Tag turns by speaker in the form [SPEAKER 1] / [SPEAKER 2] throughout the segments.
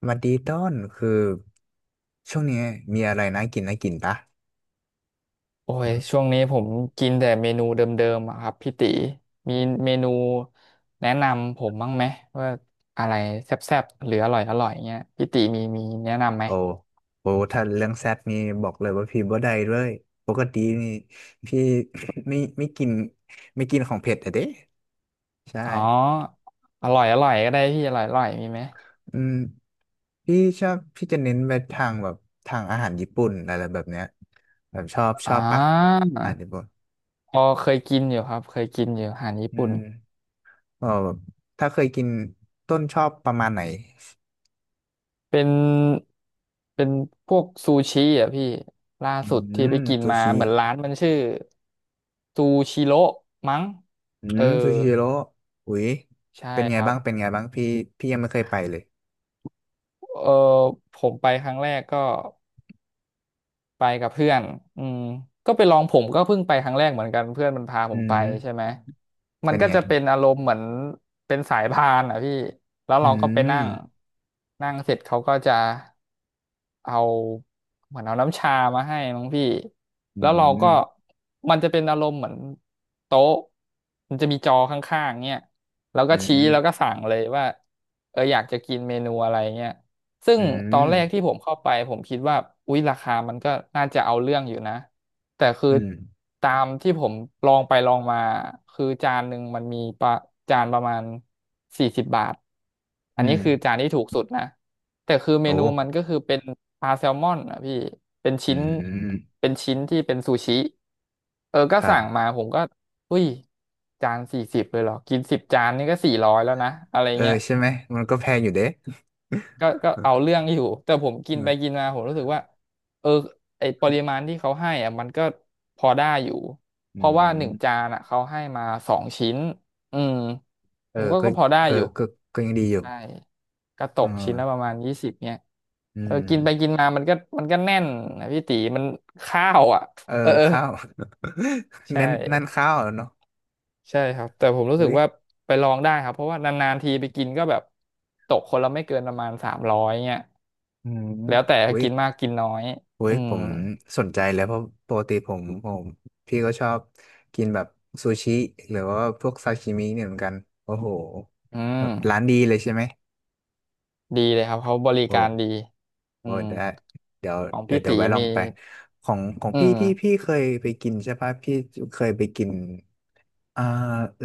[SPEAKER 1] สวัสดีต้นคือช่วงนี้มีอะไรน่ากินปะ
[SPEAKER 2] โอ้ยช่วงนี้ผมกินแต่เมนูเดิมๆอะครับพี่ติมีเมนูแนะนำผมบ้างไหมว่าอะไรแซ่บๆหรืออร่อยอร่อยเงี้ยพี่ติมีแนะนำไหม
[SPEAKER 1] โอ้โอถ้าเรื่องแซดนี่บอกเลยว่าพี่บ่ได้เลยปกตินี่พี่ ไม่กินไม่กินของเผ็ดอะเด้ใช่
[SPEAKER 2] อ๋ออร่อยอร่อยก็ได้พี่อร่อยอร่อยมีไหม
[SPEAKER 1] อืมพี่ชอบพี่จะเน้นไปทางแบบทางอาหารญี่ปุ่นอะไรแบบเนี้ยแบบชอบช
[SPEAKER 2] อ่
[SPEAKER 1] อบปะ
[SPEAKER 2] า
[SPEAKER 1] อาหารญี่ปุ่น
[SPEAKER 2] พอเคยกินอยู่ครับเคยกินอยู่อาหารญี่
[SPEAKER 1] อื
[SPEAKER 2] ปุ่น
[SPEAKER 1] มก็แบบถ้าเคยกินต้นชอบประมาณไหน
[SPEAKER 2] เป็นเป็นพวกซูชิอ่ะพี่ล่า
[SPEAKER 1] อื
[SPEAKER 2] สุดที่ไป
[SPEAKER 1] ม
[SPEAKER 2] กิน
[SPEAKER 1] ซู
[SPEAKER 2] มา
[SPEAKER 1] ชิ
[SPEAKER 2] เหมือนร้านมันชื่อซูชิโร่มั้ง
[SPEAKER 1] อื
[SPEAKER 2] เอ
[SPEAKER 1] ม
[SPEAKER 2] อ
[SPEAKER 1] ซูชิโร่อุ้ย
[SPEAKER 2] ใช่
[SPEAKER 1] เป็นไง
[SPEAKER 2] ครับ
[SPEAKER 1] บ้างเป็นไงบ้างพี่พี่ยังไม่เคยไปเลย
[SPEAKER 2] เออผมไปครั้งแรกก็ไปกับเพื่อนอืมก็ไปลองผมก็เพิ่งไปครั้งแรกเหมือนกันเพื่อนมันพาผ
[SPEAKER 1] อื
[SPEAKER 2] มไป
[SPEAKER 1] ม
[SPEAKER 2] ใช่ไหมมัน
[SPEAKER 1] เป็น
[SPEAKER 2] ก็
[SPEAKER 1] ไง
[SPEAKER 2] จะเป็นอารมณ์เหมือนเป็นสายพานอ่ะพี่แล้ว
[SPEAKER 1] อื
[SPEAKER 2] เราก็ไป
[SPEAKER 1] ม
[SPEAKER 2] นั่งนั่งเสร็จเขาก็จะเอาเหมือนเอาน้ำชามาให้น้องพี่
[SPEAKER 1] อื
[SPEAKER 2] แล้วเราก็
[SPEAKER 1] ม
[SPEAKER 2] มันจะเป็นอารมณ์เหมือนโต๊ะมันจะมีจอข้างๆเนี่ยแล้ว
[SPEAKER 1] อื
[SPEAKER 2] ก็ชี้แล้วก็
[SPEAKER 1] ม
[SPEAKER 2] สั่งเลยว่าเอออยากจะกินเมนูอะไรเงี้ย ซึ่ง
[SPEAKER 1] อื
[SPEAKER 2] ตอ
[SPEAKER 1] ม
[SPEAKER 2] นแรกที่ผมเข้าไปผมคิดว่าอุ๊ยราคามันก็น่าจะเอาเรื่องอยู่นะแต่คือ
[SPEAKER 1] อืม
[SPEAKER 2] ตามที่ผมลองไปลองมาคือจานหนึ่งมันมีประจานประมาณ40 บาทอั
[SPEAKER 1] อื
[SPEAKER 2] นนี้
[SPEAKER 1] ม
[SPEAKER 2] คือจานที่ถูกสุดนะแต่คือเม
[SPEAKER 1] โอ้
[SPEAKER 2] นูมันก็คือเป็นปลาแซลมอนอ่ะพี่เป็น
[SPEAKER 1] อื
[SPEAKER 2] ชิ้น
[SPEAKER 1] ม
[SPEAKER 2] เป็นชิ้นที่เป็นซูชิเออ
[SPEAKER 1] ค
[SPEAKER 2] ก็
[SPEAKER 1] รั
[SPEAKER 2] สั่ง
[SPEAKER 1] บ
[SPEAKER 2] มาผมก็อุ้ยจานสี่สิบเลยเหรอกิน10 จานนี่ก็400แล้วนะอะไร
[SPEAKER 1] เออ
[SPEAKER 2] เงี้ย
[SPEAKER 1] ใช่ไหมมันก็แพงอยู่เด้
[SPEAKER 2] ก็เอาเรื่องอยู่แต่ผม กิ
[SPEAKER 1] อื
[SPEAKER 2] นไป
[SPEAKER 1] ม
[SPEAKER 2] กินมาผมรู้สึกว่าเออไอปริมาณที่เขาให้อ่ะมันก็พอได้อยู่
[SPEAKER 1] อื
[SPEAKER 2] เพราะว่าหนึ่งจา
[SPEAKER 1] ม
[SPEAKER 2] นอ่ะเขาให้มาสองชิ้นอืม
[SPEAKER 1] เอ
[SPEAKER 2] ผ
[SPEAKER 1] อ
[SPEAKER 2] มก็
[SPEAKER 1] ก็
[SPEAKER 2] ก็พอได้
[SPEAKER 1] เออ
[SPEAKER 2] อยู่
[SPEAKER 1] ก็ก็ยังดีอยู่
[SPEAKER 2] ใช่ก็ต
[SPEAKER 1] เอ
[SPEAKER 2] กชิ้นละป
[SPEAKER 1] อ
[SPEAKER 2] ระมาณ20เนี่ย
[SPEAKER 1] อื
[SPEAKER 2] เออ
[SPEAKER 1] ม
[SPEAKER 2] กินไปกินมามันก็แน่นนะพี่ตีมันข้าวอ่ะ
[SPEAKER 1] เออ
[SPEAKER 2] เออเออ
[SPEAKER 1] ข้าว
[SPEAKER 2] ใช่
[SPEAKER 1] นั่นข้าวเหรอเนาะ
[SPEAKER 2] ใช่ครับแต่ผมรู้สึ
[SPEAKER 1] อุ้
[SPEAKER 2] ก
[SPEAKER 1] ย
[SPEAKER 2] ว่าไปลองได้ครับเพราะว่านานๆทีไปกินก็แบบตกคนละไม่เกินประมาณ300เนี่ย
[SPEAKER 1] อืม
[SPEAKER 2] แล้วแต่
[SPEAKER 1] อุ้ย
[SPEAKER 2] กินมากกินน้อย
[SPEAKER 1] เว้
[SPEAKER 2] อื
[SPEAKER 1] ย
[SPEAKER 2] ม
[SPEAKER 1] สนใจเลยเพราะปกติผมพี่ก็ชอบกินแบบซูชิหรือว่าพวกซาชิมิเนี่ยเหมือนกันโอ้โห
[SPEAKER 2] อื
[SPEAKER 1] แบบ
[SPEAKER 2] ม
[SPEAKER 1] ร้านดีเลยใช่ไหม
[SPEAKER 2] ดีเลยครับเขาบริ
[SPEAKER 1] โอ้
[SPEAKER 2] การดีอื
[SPEAKER 1] โอ้
[SPEAKER 2] ม
[SPEAKER 1] ได้เดี๋ยว
[SPEAKER 2] ของ
[SPEAKER 1] เดี๋ยว
[SPEAKER 2] พี่
[SPEAKER 1] เดี๋ยว
[SPEAKER 2] ตี
[SPEAKER 1] แวะลอง
[SPEAKER 2] มี
[SPEAKER 1] ไปของ
[SPEAKER 2] อื
[SPEAKER 1] พี่ที่
[SPEAKER 2] ม
[SPEAKER 1] พี่เคยไปกินใช่ปะพี่เคยไปกินอ่า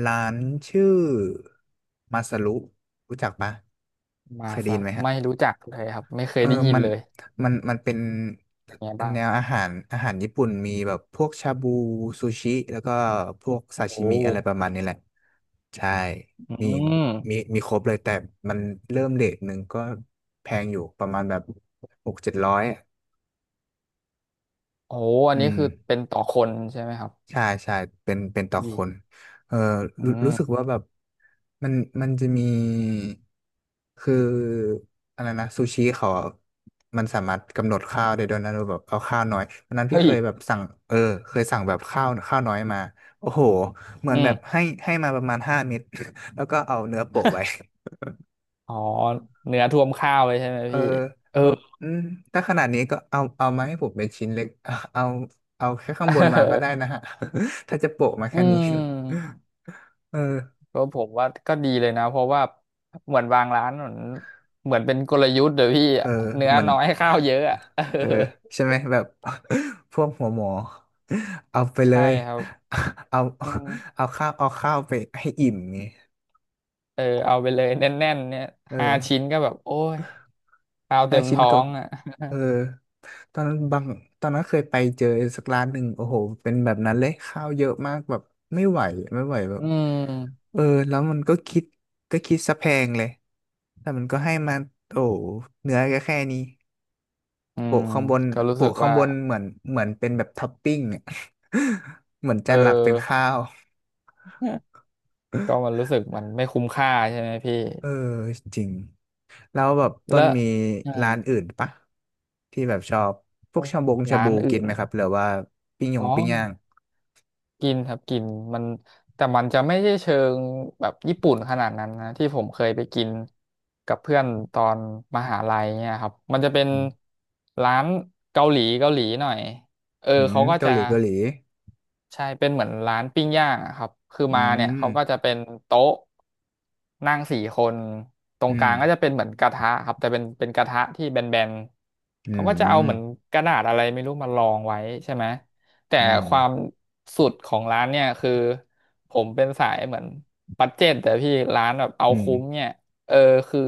[SPEAKER 1] ร้านชื่อมาซารุรู้จักปะ
[SPEAKER 2] มา
[SPEAKER 1] เคยได้
[SPEAKER 2] สั
[SPEAKER 1] ยิน
[SPEAKER 2] ต
[SPEAKER 1] ไหม
[SPEAKER 2] ว์
[SPEAKER 1] ฮะ
[SPEAKER 2] ไม่รู้จักเลยครับไม่เคย
[SPEAKER 1] เออ
[SPEAKER 2] ได้ยิน
[SPEAKER 1] มัน
[SPEAKER 2] เลย
[SPEAKER 1] มันเป็น
[SPEAKER 2] อย่างเงี้ยบ้าง
[SPEAKER 1] แนวอาหารญี่ปุ่นมีแบบพวกชาบูซูชิ แล้วก็พวกซาชิ
[SPEAKER 2] โอ้
[SPEAKER 1] มิอะไรประมาณนี้แหละ ใช่
[SPEAKER 2] อื
[SPEAKER 1] มีมี
[SPEAKER 2] ม
[SPEAKER 1] มีครบเลยแต่มันเริ่มเรทหนึ่งก็แพงอยู่ประมาณแบบหกเจ็ดร้อย
[SPEAKER 2] โอ้อัน
[SPEAKER 1] อื
[SPEAKER 2] นี้
[SPEAKER 1] ม
[SPEAKER 2] คือเป็นต่อคนใช่ไหมครับ
[SPEAKER 1] ใช่เป็นต่อ
[SPEAKER 2] วี
[SPEAKER 1] คนเออ
[SPEAKER 2] อื
[SPEAKER 1] รู้สึกว่า
[SPEAKER 2] ม
[SPEAKER 1] แบบมันมันจะมีคืออะไรนะซูชิเขาอะมันสามารถกำหนดข้าวได้ด้วยนะเราแบบเอาข้าวน้อยวันนั้นพี่
[SPEAKER 2] เฮ้ย
[SPEAKER 1] เคยแบบสั่งเออเคยสั่งแบบข้าวน้อยมาโอ้โหเหมือ
[SPEAKER 2] อื
[SPEAKER 1] นแบบ
[SPEAKER 2] ม
[SPEAKER 1] ให้มาประมาณห้าเม็ด แล้วก็เอาเนื้อโปะไว้
[SPEAKER 2] อ๋อเนื้อท่วมข้าวเลยใช่ไหม
[SPEAKER 1] เออ
[SPEAKER 2] พี่เออ
[SPEAKER 1] แบบอืมถ้าขนาดนี้ก็เอามาให้ผมเป็นชิ้นเล็กเอาเอาแค่ข้างบนมาก็ได้ นะฮะ ถ้าจะโปะมา
[SPEAKER 2] อื
[SPEAKER 1] แค่นี้
[SPEAKER 2] ม
[SPEAKER 1] เออ
[SPEAKER 2] ก็ผมว่าก็ดีเลยนะเพราะว่าเหมือนบางร้านเหมือนเหมือนเป็นกลยุทธ์เดี๋ยวพี่
[SPEAKER 1] เออ
[SPEAKER 2] เนื้อ
[SPEAKER 1] เหมือน
[SPEAKER 2] น้อยข้าวเยอะอะ เออ
[SPEAKER 1] เออใช่ไหมแบบ พวกหัวหมอเอาไปเล
[SPEAKER 2] ใช่
[SPEAKER 1] ย
[SPEAKER 2] ครับ
[SPEAKER 1] เอา
[SPEAKER 2] อืม
[SPEAKER 1] เอาข้าวเอาข้าวไปให้อิ่มไง
[SPEAKER 2] เออเอาไปเลยแน่นๆเนี่ย
[SPEAKER 1] เอ
[SPEAKER 2] ห้าชิ้
[SPEAKER 1] อ
[SPEAKER 2] นก็แบบโอ้ยข้าว
[SPEAKER 1] ห้า
[SPEAKER 2] เต็ม
[SPEAKER 1] ชิ้น
[SPEAKER 2] ท้อ
[SPEAKER 1] ก็
[SPEAKER 2] งอ่ะ
[SPEAKER 1] เออตอนนั้นบางตอนนั้นเคยไปเจอสักร้านหนึ่งโอ้โหเป็นแบบนั้นเลยข้าวเยอะมากแบบไม่ไหวไม่ไหวแบบ
[SPEAKER 2] อืม
[SPEAKER 1] เออแล้วมันก็คิดก็คิดซะแพงเลยแต่มันก็ให้มาโอ้โหเนื้อก็แค่นี้
[SPEAKER 2] อืม
[SPEAKER 1] โปะข้างบน
[SPEAKER 2] ก็รู้สึ
[SPEAKER 1] โปะ
[SPEAKER 2] ก
[SPEAKER 1] ข้าง
[SPEAKER 2] ว่า
[SPEAKER 1] บนเหมือนเหมือนเป็นแบบท็อปปิ้งเน เหมือน
[SPEAKER 2] เอ
[SPEAKER 1] จานหลักเป็น
[SPEAKER 2] อ
[SPEAKER 1] ข้าว
[SPEAKER 2] ก็มันรู้สึกมันไม่คุ้มค่าใช่ไหมพี่
[SPEAKER 1] เออจริงแล้วแบบต้
[SPEAKER 2] แล้
[SPEAKER 1] น
[SPEAKER 2] ว
[SPEAKER 1] มี
[SPEAKER 2] เออ
[SPEAKER 1] ร้านอื่นปะที่แบบชอบพวกชาบงชา
[SPEAKER 2] ร้า
[SPEAKER 1] บู
[SPEAKER 2] น
[SPEAKER 1] กิ
[SPEAKER 2] อื่
[SPEAKER 1] น
[SPEAKER 2] น
[SPEAKER 1] ไหม
[SPEAKER 2] เห
[SPEAKER 1] ค
[SPEAKER 2] ร
[SPEAKER 1] รั
[SPEAKER 2] อ
[SPEAKER 1] บหรือว่าปิ้งย
[SPEAKER 2] อ๋อ
[SPEAKER 1] งปิ้งย่าง
[SPEAKER 2] กินครับกินมันแต่มันจะไม่ใช่เชิงแบบญี่ปุ่นขนาดนั้นนะที่ผมเคยไปกินกับเพื่อนตอนมหาลัยเนี่ยครับมันจะเป็น
[SPEAKER 1] อืม
[SPEAKER 2] ร้านเกาหลีเกาหลีหน่อยเออ
[SPEAKER 1] อืม
[SPEAKER 2] เขาก็
[SPEAKER 1] เกา
[SPEAKER 2] จะ
[SPEAKER 1] หลีเกาหลี
[SPEAKER 2] ใช่เป็นเหมือนร้านปิ้งย่างอะครับคือ
[SPEAKER 1] อื
[SPEAKER 2] มาเนี่ย
[SPEAKER 1] ม
[SPEAKER 2] เขาก็จะเป็นโต๊ะนั่งสี่คนตรง
[SPEAKER 1] อื
[SPEAKER 2] ก
[SPEAKER 1] ม
[SPEAKER 2] ลางก็จะเป็นเหมือนกระทะครับแต่เป็นกระทะที่แบน
[SPEAKER 1] อื
[SPEAKER 2] ๆเขาก็จะเอาเหมือน
[SPEAKER 1] ม
[SPEAKER 2] กระดาษอะไรไม่รู้มารองไว้ใช่ไหมแต่
[SPEAKER 1] อืม
[SPEAKER 2] ความสุดของร้านเนี่ยคือผมเป็นสายเหมือนบัดเจ็ตแต่พี่ร้านแบบเอา
[SPEAKER 1] อืม
[SPEAKER 2] คุ้มเนี่ยเออคือ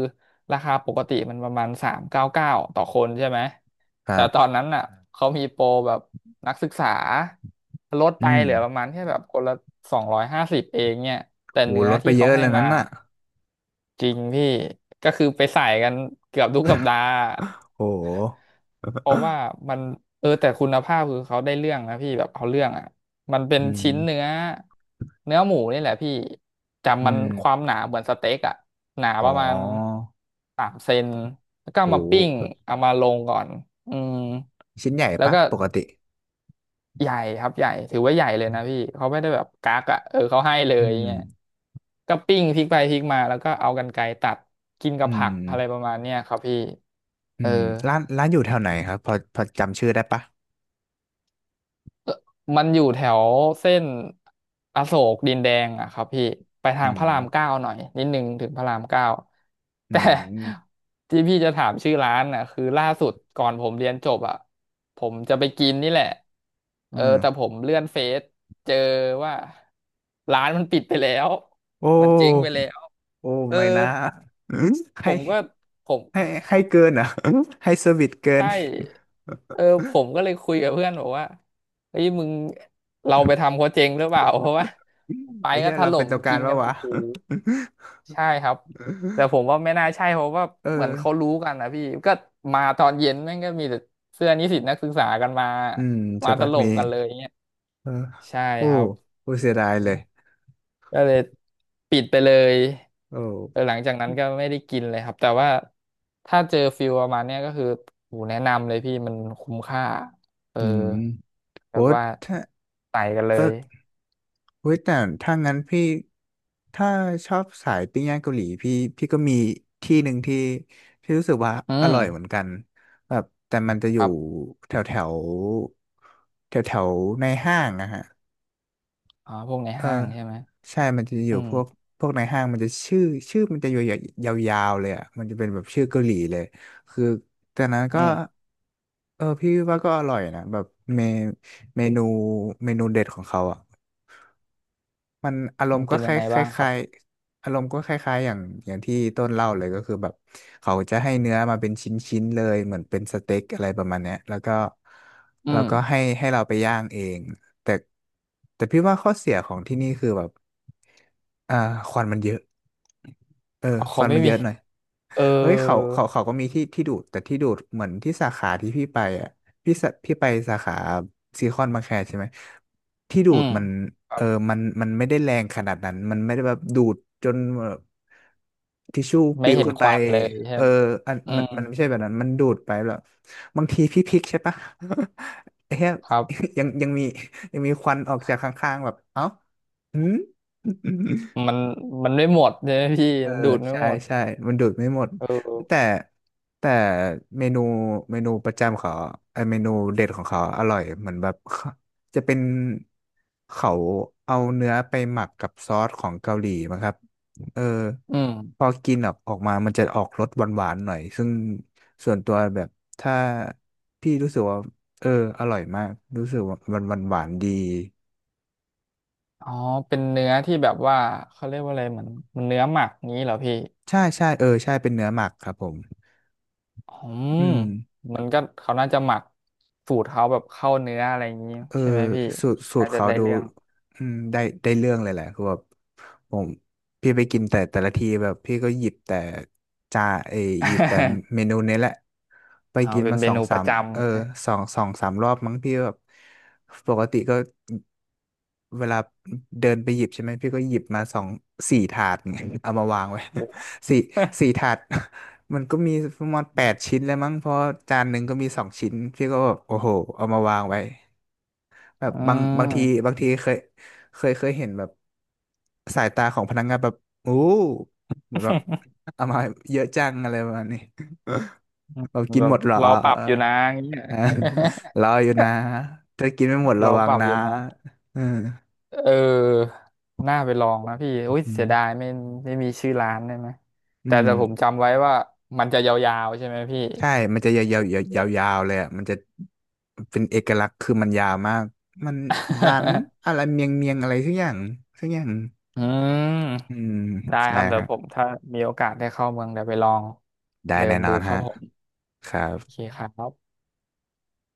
[SPEAKER 2] ราคาปกติมันประมาณ399ต่อคนใช่ไหม
[SPEAKER 1] ค
[SPEAKER 2] แต่
[SPEAKER 1] รั
[SPEAKER 2] ตอน
[SPEAKER 1] บ
[SPEAKER 2] นั้นอ่ะเขามีโปรแบบ นักศึกษาลดไป
[SPEAKER 1] อืม
[SPEAKER 2] เหลือประมาณแค่แบบคนละ250เองเนี่ยแต่เนื้
[SPEAKER 1] โห
[SPEAKER 2] อ
[SPEAKER 1] ลดไป
[SPEAKER 2] ที่
[SPEAKER 1] เย
[SPEAKER 2] เขา
[SPEAKER 1] อะ
[SPEAKER 2] ให้
[SPEAKER 1] เลย
[SPEAKER 2] มา
[SPEAKER 1] นั้นน่ะ
[SPEAKER 2] จริงพี่ก็คือไปใส่กันเกือบทุกสัปดาห์
[SPEAKER 1] โห
[SPEAKER 2] เพราะว่ามันเออแต่คุณภาพคือเขาได้เรื่องนะพี่แบบเอาเรื่องอ่ะมันเป็น
[SPEAKER 1] อื
[SPEAKER 2] ชิ้นเนื้
[SPEAKER 1] ม
[SPEAKER 2] อเนื้อหมูนี่แหละพี่จำ
[SPEAKER 1] อื
[SPEAKER 2] มัน
[SPEAKER 1] ม
[SPEAKER 2] ความหนาเหมือนสเต็กอ่ะหนา
[SPEAKER 1] อ๋
[SPEAKER 2] ประมาณ
[SPEAKER 1] อ
[SPEAKER 2] 3 เซนแล้วก็
[SPEAKER 1] โห
[SPEAKER 2] เอามาปิ้ง
[SPEAKER 1] แบบ
[SPEAKER 2] เอามาลงก่อนอืม
[SPEAKER 1] ชิ้นใหญ่
[SPEAKER 2] แล้ว
[SPEAKER 1] ปะ
[SPEAKER 2] ก็
[SPEAKER 1] ปกติ
[SPEAKER 2] ใหญ่ครับใหญ่ถือว่าใหญ่เลยนะพี่เขาไม่ได้แบบกักอ่ะเออเขาให้เล
[SPEAKER 1] อื
[SPEAKER 2] ย
[SPEAKER 1] ม
[SPEAKER 2] เงี้ยก็ปิ้งพลิกไปพลิกมาแล้วก็เอากรรไกรตัดกินกั
[SPEAKER 1] อื
[SPEAKER 2] บผักอะไรประ
[SPEAKER 1] ม
[SPEAKER 2] มาณเนี้ยครับพี่
[SPEAKER 1] อื
[SPEAKER 2] เออ
[SPEAKER 1] มร้านอยู่แถวไหนครับพอจำชื่อได้ปะ
[SPEAKER 2] มันอยู่แถวเส้นอโศกดินแดงอะครับพี่ไปทา
[SPEAKER 1] อื
[SPEAKER 2] งพ
[SPEAKER 1] ม
[SPEAKER 2] ระรามเก้าหน่อยนิดนึงถึงพระรามเก้า
[SPEAKER 1] อื
[SPEAKER 2] แต่
[SPEAKER 1] ม
[SPEAKER 2] ที่พี่จะถามชื่อร้านน่ะคือล่าสุดก่อนผมเรียนจบอะผมจะไปกินนี่แหละ
[SPEAKER 1] อื
[SPEAKER 2] เออแต่ผ
[SPEAKER 1] ม
[SPEAKER 2] มเลื่อนเฟซเจอว่าร้านมันปิดไปแล้ว
[SPEAKER 1] โอ
[SPEAKER 2] มันเจ๊งไป
[SPEAKER 1] ้
[SPEAKER 2] แล้ว
[SPEAKER 1] โอ้
[SPEAKER 2] เออ
[SPEAKER 1] ไม่นะ
[SPEAKER 2] ผ
[SPEAKER 1] ให้
[SPEAKER 2] มก็ผม
[SPEAKER 1] ให้ให้เกินเหรอ่ะให้เซอร์วิสเกิ
[SPEAKER 2] ใช
[SPEAKER 1] น
[SPEAKER 2] ่เออผมก็เลยคุยกับเพื่อนบอกว่าเฮ้ยมึงเราไปทำเขาเจ๊งหรือเปล่าเพราะว่าไป
[SPEAKER 1] ไอ้
[SPEAKER 2] ก็
[SPEAKER 1] เหี้ย
[SPEAKER 2] ถ
[SPEAKER 1] เรา
[SPEAKER 2] ล่
[SPEAKER 1] เป็น
[SPEAKER 2] ม
[SPEAKER 1] ตัวกา
[SPEAKER 2] กิ
[SPEAKER 1] ร
[SPEAKER 2] นกั
[SPEAKER 1] ปะ
[SPEAKER 2] น
[SPEAKER 1] วะ
[SPEAKER 2] โอ้โหใช่ครับ แต่ผม ว่าไม่น่าใช่เพราะว่า
[SPEAKER 1] เออ
[SPEAKER 2] เหมือนเขารู้กันนะพี่ ก็มาตอนเย็นแม่งก็มีแต่เสื้อนิสิตนักศึกษากันมา
[SPEAKER 1] อืมใช่
[SPEAKER 2] มาถ
[SPEAKER 1] ปะ
[SPEAKER 2] ล่
[SPEAKER 1] มี
[SPEAKER 2] มกันเลยเงี้ย
[SPEAKER 1] เออ
[SPEAKER 2] ใช่
[SPEAKER 1] โอ้
[SPEAKER 2] ครับ
[SPEAKER 1] โอ้เสียดายเลย
[SPEAKER 2] ก็เลยปิดไปเลย
[SPEAKER 1] โอ้
[SPEAKER 2] เออหลังจากนั้นก็ไม่ได้กินเลยครับแต่ว่าถ้าเจอฟิลประมาณเนี้ยก็คือโหแนะนำเลยพี่มันคุ้มค่าเออ
[SPEAKER 1] อืม
[SPEAKER 2] แบ
[SPEAKER 1] โอ้
[SPEAKER 2] บว่า
[SPEAKER 1] ถ้า
[SPEAKER 2] ไต่กันเล
[SPEAKER 1] เออ
[SPEAKER 2] ย
[SPEAKER 1] เฮ้ยแต่ถ้างั้นพี่ถ้าชอบสายปิ้งย่างเกาหลีพี่พี่ก็มีที่หนึ่งที่ที่รู้สึกว่า
[SPEAKER 2] อื
[SPEAKER 1] อร่อยเหมือน
[SPEAKER 2] ม
[SPEAKER 1] กันแบบแต่มันจะอ
[SPEAKER 2] ค
[SPEAKER 1] ยู่
[SPEAKER 2] รับ
[SPEAKER 1] แถวแถวแถวแถวๆในห้างนะฮะ
[SPEAKER 2] อ๋อพวกใน
[SPEAKER 1] เออ
[SPEAKER 2] ห้างใช่ไหม
[SPEAKER 1] ใช่มันจะอ
[SPEAKER 2] อื
[SPEAKER 1] ยู่
[SPEAKER 2] ม
[SPEAKER 1] พวกพวกในห้างมันจะชื่อชื่อมันจะยาวยาวๆเลยอ่ะมันจะเป็นแบบชื่อเกาหลีเลยคือแต่นั้น
[SPEAKER 2] อื
[SPEAKER 1] ก็
[SPEAKER 2] ม
[SPEAKER 1] เออพี่ว่าก็อร่อยนะแบบเมเมนูเมนูเด็ดของเขาอ่ะ มันอาร
[SPEAKER 2] มั
[SPEAKER 1] ม
[SPEAKER 2] น
[SPEAKER 1] ณ์ก็
[SPEAKER 2] เป็น
[SPEAKER 1] ค
[SPEAKER 2] ยัง
[SPEAKER 1] ล้าย
[SPEAKER 2] ไง
[SPEAKER 1] ค
[SPEAKER 2] บ้างครับ
[SPEAKER 1] ล้ายๆอารมณ์ก็คล้ายๆอย่างที่ต้นเล่าเลยก็คือแบบเขาจะให้เนื้อมาเป็นชิ้นๆเลยเหมือนเป็นสเต็กอะไรประมาณเนี้ยแล้วก็
[SPEAKER 2] อื
[SPEAKER 1] แล้ว
[SPEAKER 2] ม
[SPEAKER 1] ก็ให้เราไปย่างเองแต่แต่พี่ว่าข้อเสียของที่นี่คือแบบอ่าควันมันเยอะเออ
[SPEAKER 2] อ๋อ
[SPEAKER 1] ค
[SPEAKER 2] เขา
[SPEAKER 1] วัน
[SPEAKER 2] ไม่
[SPEAKER 1] มันเย
[SPEAKER 2] มี
[SPEAKER 1] อะหน่อย
[SPEAKER 2] เออ
[SPEAKER 1] เอ้ยเขาก็มีที่ที่ดูดแต่ที่ดูดเหมือนที่สาขาที่พี่ไปอ่ะพี่ไปสาขาซีคอนบางแคใช่ไหมที่ดู
[SPEAKER 2] อื
[SPEAKER 1] ด
[SPEAKER 2] ม
[SPEAKER 1] มัน
[SPEAKER 2] ครั
[SPEAKER 1] เอ
[SPEAKER 2] บ
[SPEAKER 1] อมันไม่ได้แรงขนาดนั้นมันไม่ได้แบบดูดจนแบบทิชชู่ป
[SPEAKER 2] ไม่
[SPEAKER 1] ลิว
[SPEAKER 2] เห็น
[SPEAKER 1] ขึ้น
[SPEAKER 2] ค
[SPEAKER 1] ไป
[SPEAKER 2] วันเลยใช่
[SPEAKER 1] เอ
[SPEAKER 2] ไห
[SPEAKER 1] อ
[SPEAKER 2] มอื
[SPEAKER 1] มัน
[SPEAKER 2] ม
[SPEAKER 1] มันไม่ใช่แบบนั้นมันดูดไปแบบบางทีพี่พลิกใช่ปะ ไอ้เหี้ย
[SPEAKER 2] ครับ
[SPEAKER 1] ยังยังมียังมีควันออกจากข้างๆแบบเอ้าหืม
[SPEAKER 2] มันมันไม่หมดใช่ไหมพี่
[SPEAKER 1] เออ
[SPEAKER 2] มันดูดไม่
[SPEAKER 1] ใช่
[SPEAKER 2] หมด
[SPEAKER 1] ใช่มันดูดไม่หมด
[SPEAKER 2] เออ
[SPEAKER 1] แต่แต่เมนูเมนูประจำเขาไออเมนูเด็ดของเขาอร่อยเหมือนแบบ เขาจะเป็นเขาเอาเนื้อไปหมักกับซอสของเกาหลีมั้งครับเออ
[SPEAKER 2] อืม
[SPEAKER 1] พอกินออกมามันจะออกรสหวานๆหน่อยซึ่งส่วนตัวแบบถ้าพี่รู้สึกว่าเอออร่อยมากรู้สึกว่ามันหวานๆดี
[SPEAKER 2] อ๋อเป็นเนื้อที่แบบว่าเขาเรียกว่าอะไรเหมือนมันเนื้อหมักงี้เหรอพี่
[SPEAKER 1] ใช่เออใช่เป็นเนื้อหมักครับผม
[SPEAKER 2] อืม
[SPEAKER 1] อืม
[SPEAKER 2] มันก็เขาน่าจะหมักสูตรเขาแบบเข้าเนื้ออะไรอย่างงี้
[SPEAKER 1] เออ
[SPEAKER 2] ใช่ไหมพี่
[SPEAKER 1] สูตรสูต
[SPEAKER 2] น่า
[SPEAKER 1] ร
[SPEAKER 2] จะ
[SPEAKER 1] เขา
[SPEAKER 2] ได้
[SPEAKER 1] ดู
[SPEAKER 2] เรื่อง
[SPEAKER 1] อืมได้เรื่องเลยแหละคือแบบผมพี่ไปกินแต่แต่ละทีแบบพี่ก็หยิบแต่จาเอยหยิบแต่เม นูนี้แหละไป
[SPEAKER 2] เอา
[SPEAKER 1] กิน
[SPEAKER 2] เป็น
[SPEAKER 1] มา
[SPEAKER 2] เม
[SPEAKER 1] สอง
[SPEAKER 2] นูป
[SPEAKER 1] สา
[SPEAKER 2] ระ
[SPEAKER 1] ม
[SPEAKER 2] จ
[SPEAKER 1] เออ
[SPEAKER 2] ำนะ
[SPEAKER 1] สองสามรอบมั้งพี่แบบปกติก็เวลาเดินไปหยิบใช่ไหมพี่ก็หยิบมาสองสี่ถาดไงเอามาวางไว้
[SPEAKER 2] โอ้
[SPEAKER 1] สี่สี่ถาด มันก็มีประมาณแปดชิ้น เลยมั้งเพราะจานหนึ่งก็มีสองชิ้นพี่ก็แบบโอ้โหเอามาวางไว้ แบบ
[SPEAKER 2] อื
[SPEAKER 1] บางบางทีบา
[SPEAKER 2] ม
[SPEAKER 1] งทีเคยเห็นแบบสายตาของพนักงานแบบโอ้เหมือนแบบเอามาเยอะจังอะไรประมาณนี้ แบบกิน
[SPEAKER 2] แบ
[SPEAKER 1] ห
[SPEAKER 2] บ
[SPEAKER 1] มดเหรอ
[SPEAKER 2] รอปรับอยู่นะอย่างเงี้ย
[SPEAKER 1] อ่ารออยู่นะถ้ากินไม่หมด
[SPEAKER 2] ร
[SPEAKER 1] ระ
[SPEAKER 2] อ
[SPEAKER 1] วั
[SPEAKER 2] ป
[SPEAKER 1] ง
[SPEAKER 2] รับ
[SPEAKER 1] นะ
[SPEAKER 2] อยู่นะ
[SPEAKER 1] เออ
[SPEAKER 2] เออน่าไปลองนะพี่อุ้ย
[SPEAKER 1] อื
[SPEAKER 2] เสียดาย
[SPEAKER 1] ม
[SPEAKER 2] ไม่มีชื่อร้านได้ไหม
[SPEAKER 1] อื
[SPEAKER 2] แต่
[SPEAKER 1] ม
[SPEAKER 2] แต่ผมจำไว้ว่ามันจะยาวๆใช่ไหมพี่
[SPEAKER 1] ใช่มันจะยาวเลยอ่ะมันจะเป็นเอกลักษณ์คือมันยาวมากมันร้าน อะไรเมียงอะไรสักอย่าง
[SPEAKER 2] อื
[SPEAKER 1] อื
[SPEAKER 2] ม
[SPEAKER 1] ม
[SPEAKER 2] ได้ค
[SPEAKER 1] ใช่
[SPEAKER 2] รับเดี๋ย
[SPEAKER 1] ฮะ
[SPEAKER 2] วผมถ้ามีโอกาสได้เข้าเมืองเดี๋ยวไปลอง
[SPEAKER 1] ได้
[SPEAKER 2] เดิน
[SPEAKER 1] แน่น
[SPEAKER 2] ดู
[SPEAKER 1] อน
[SPEAKER 2] ครับ
[SPEAKER 1] ฮะ
[SPEAKER 2] ผม
[SPEAKER 1] ครั
[SPEAKER 2] โอเค
[SPEAKER 1] บ
[SPEAKER 2] ครับ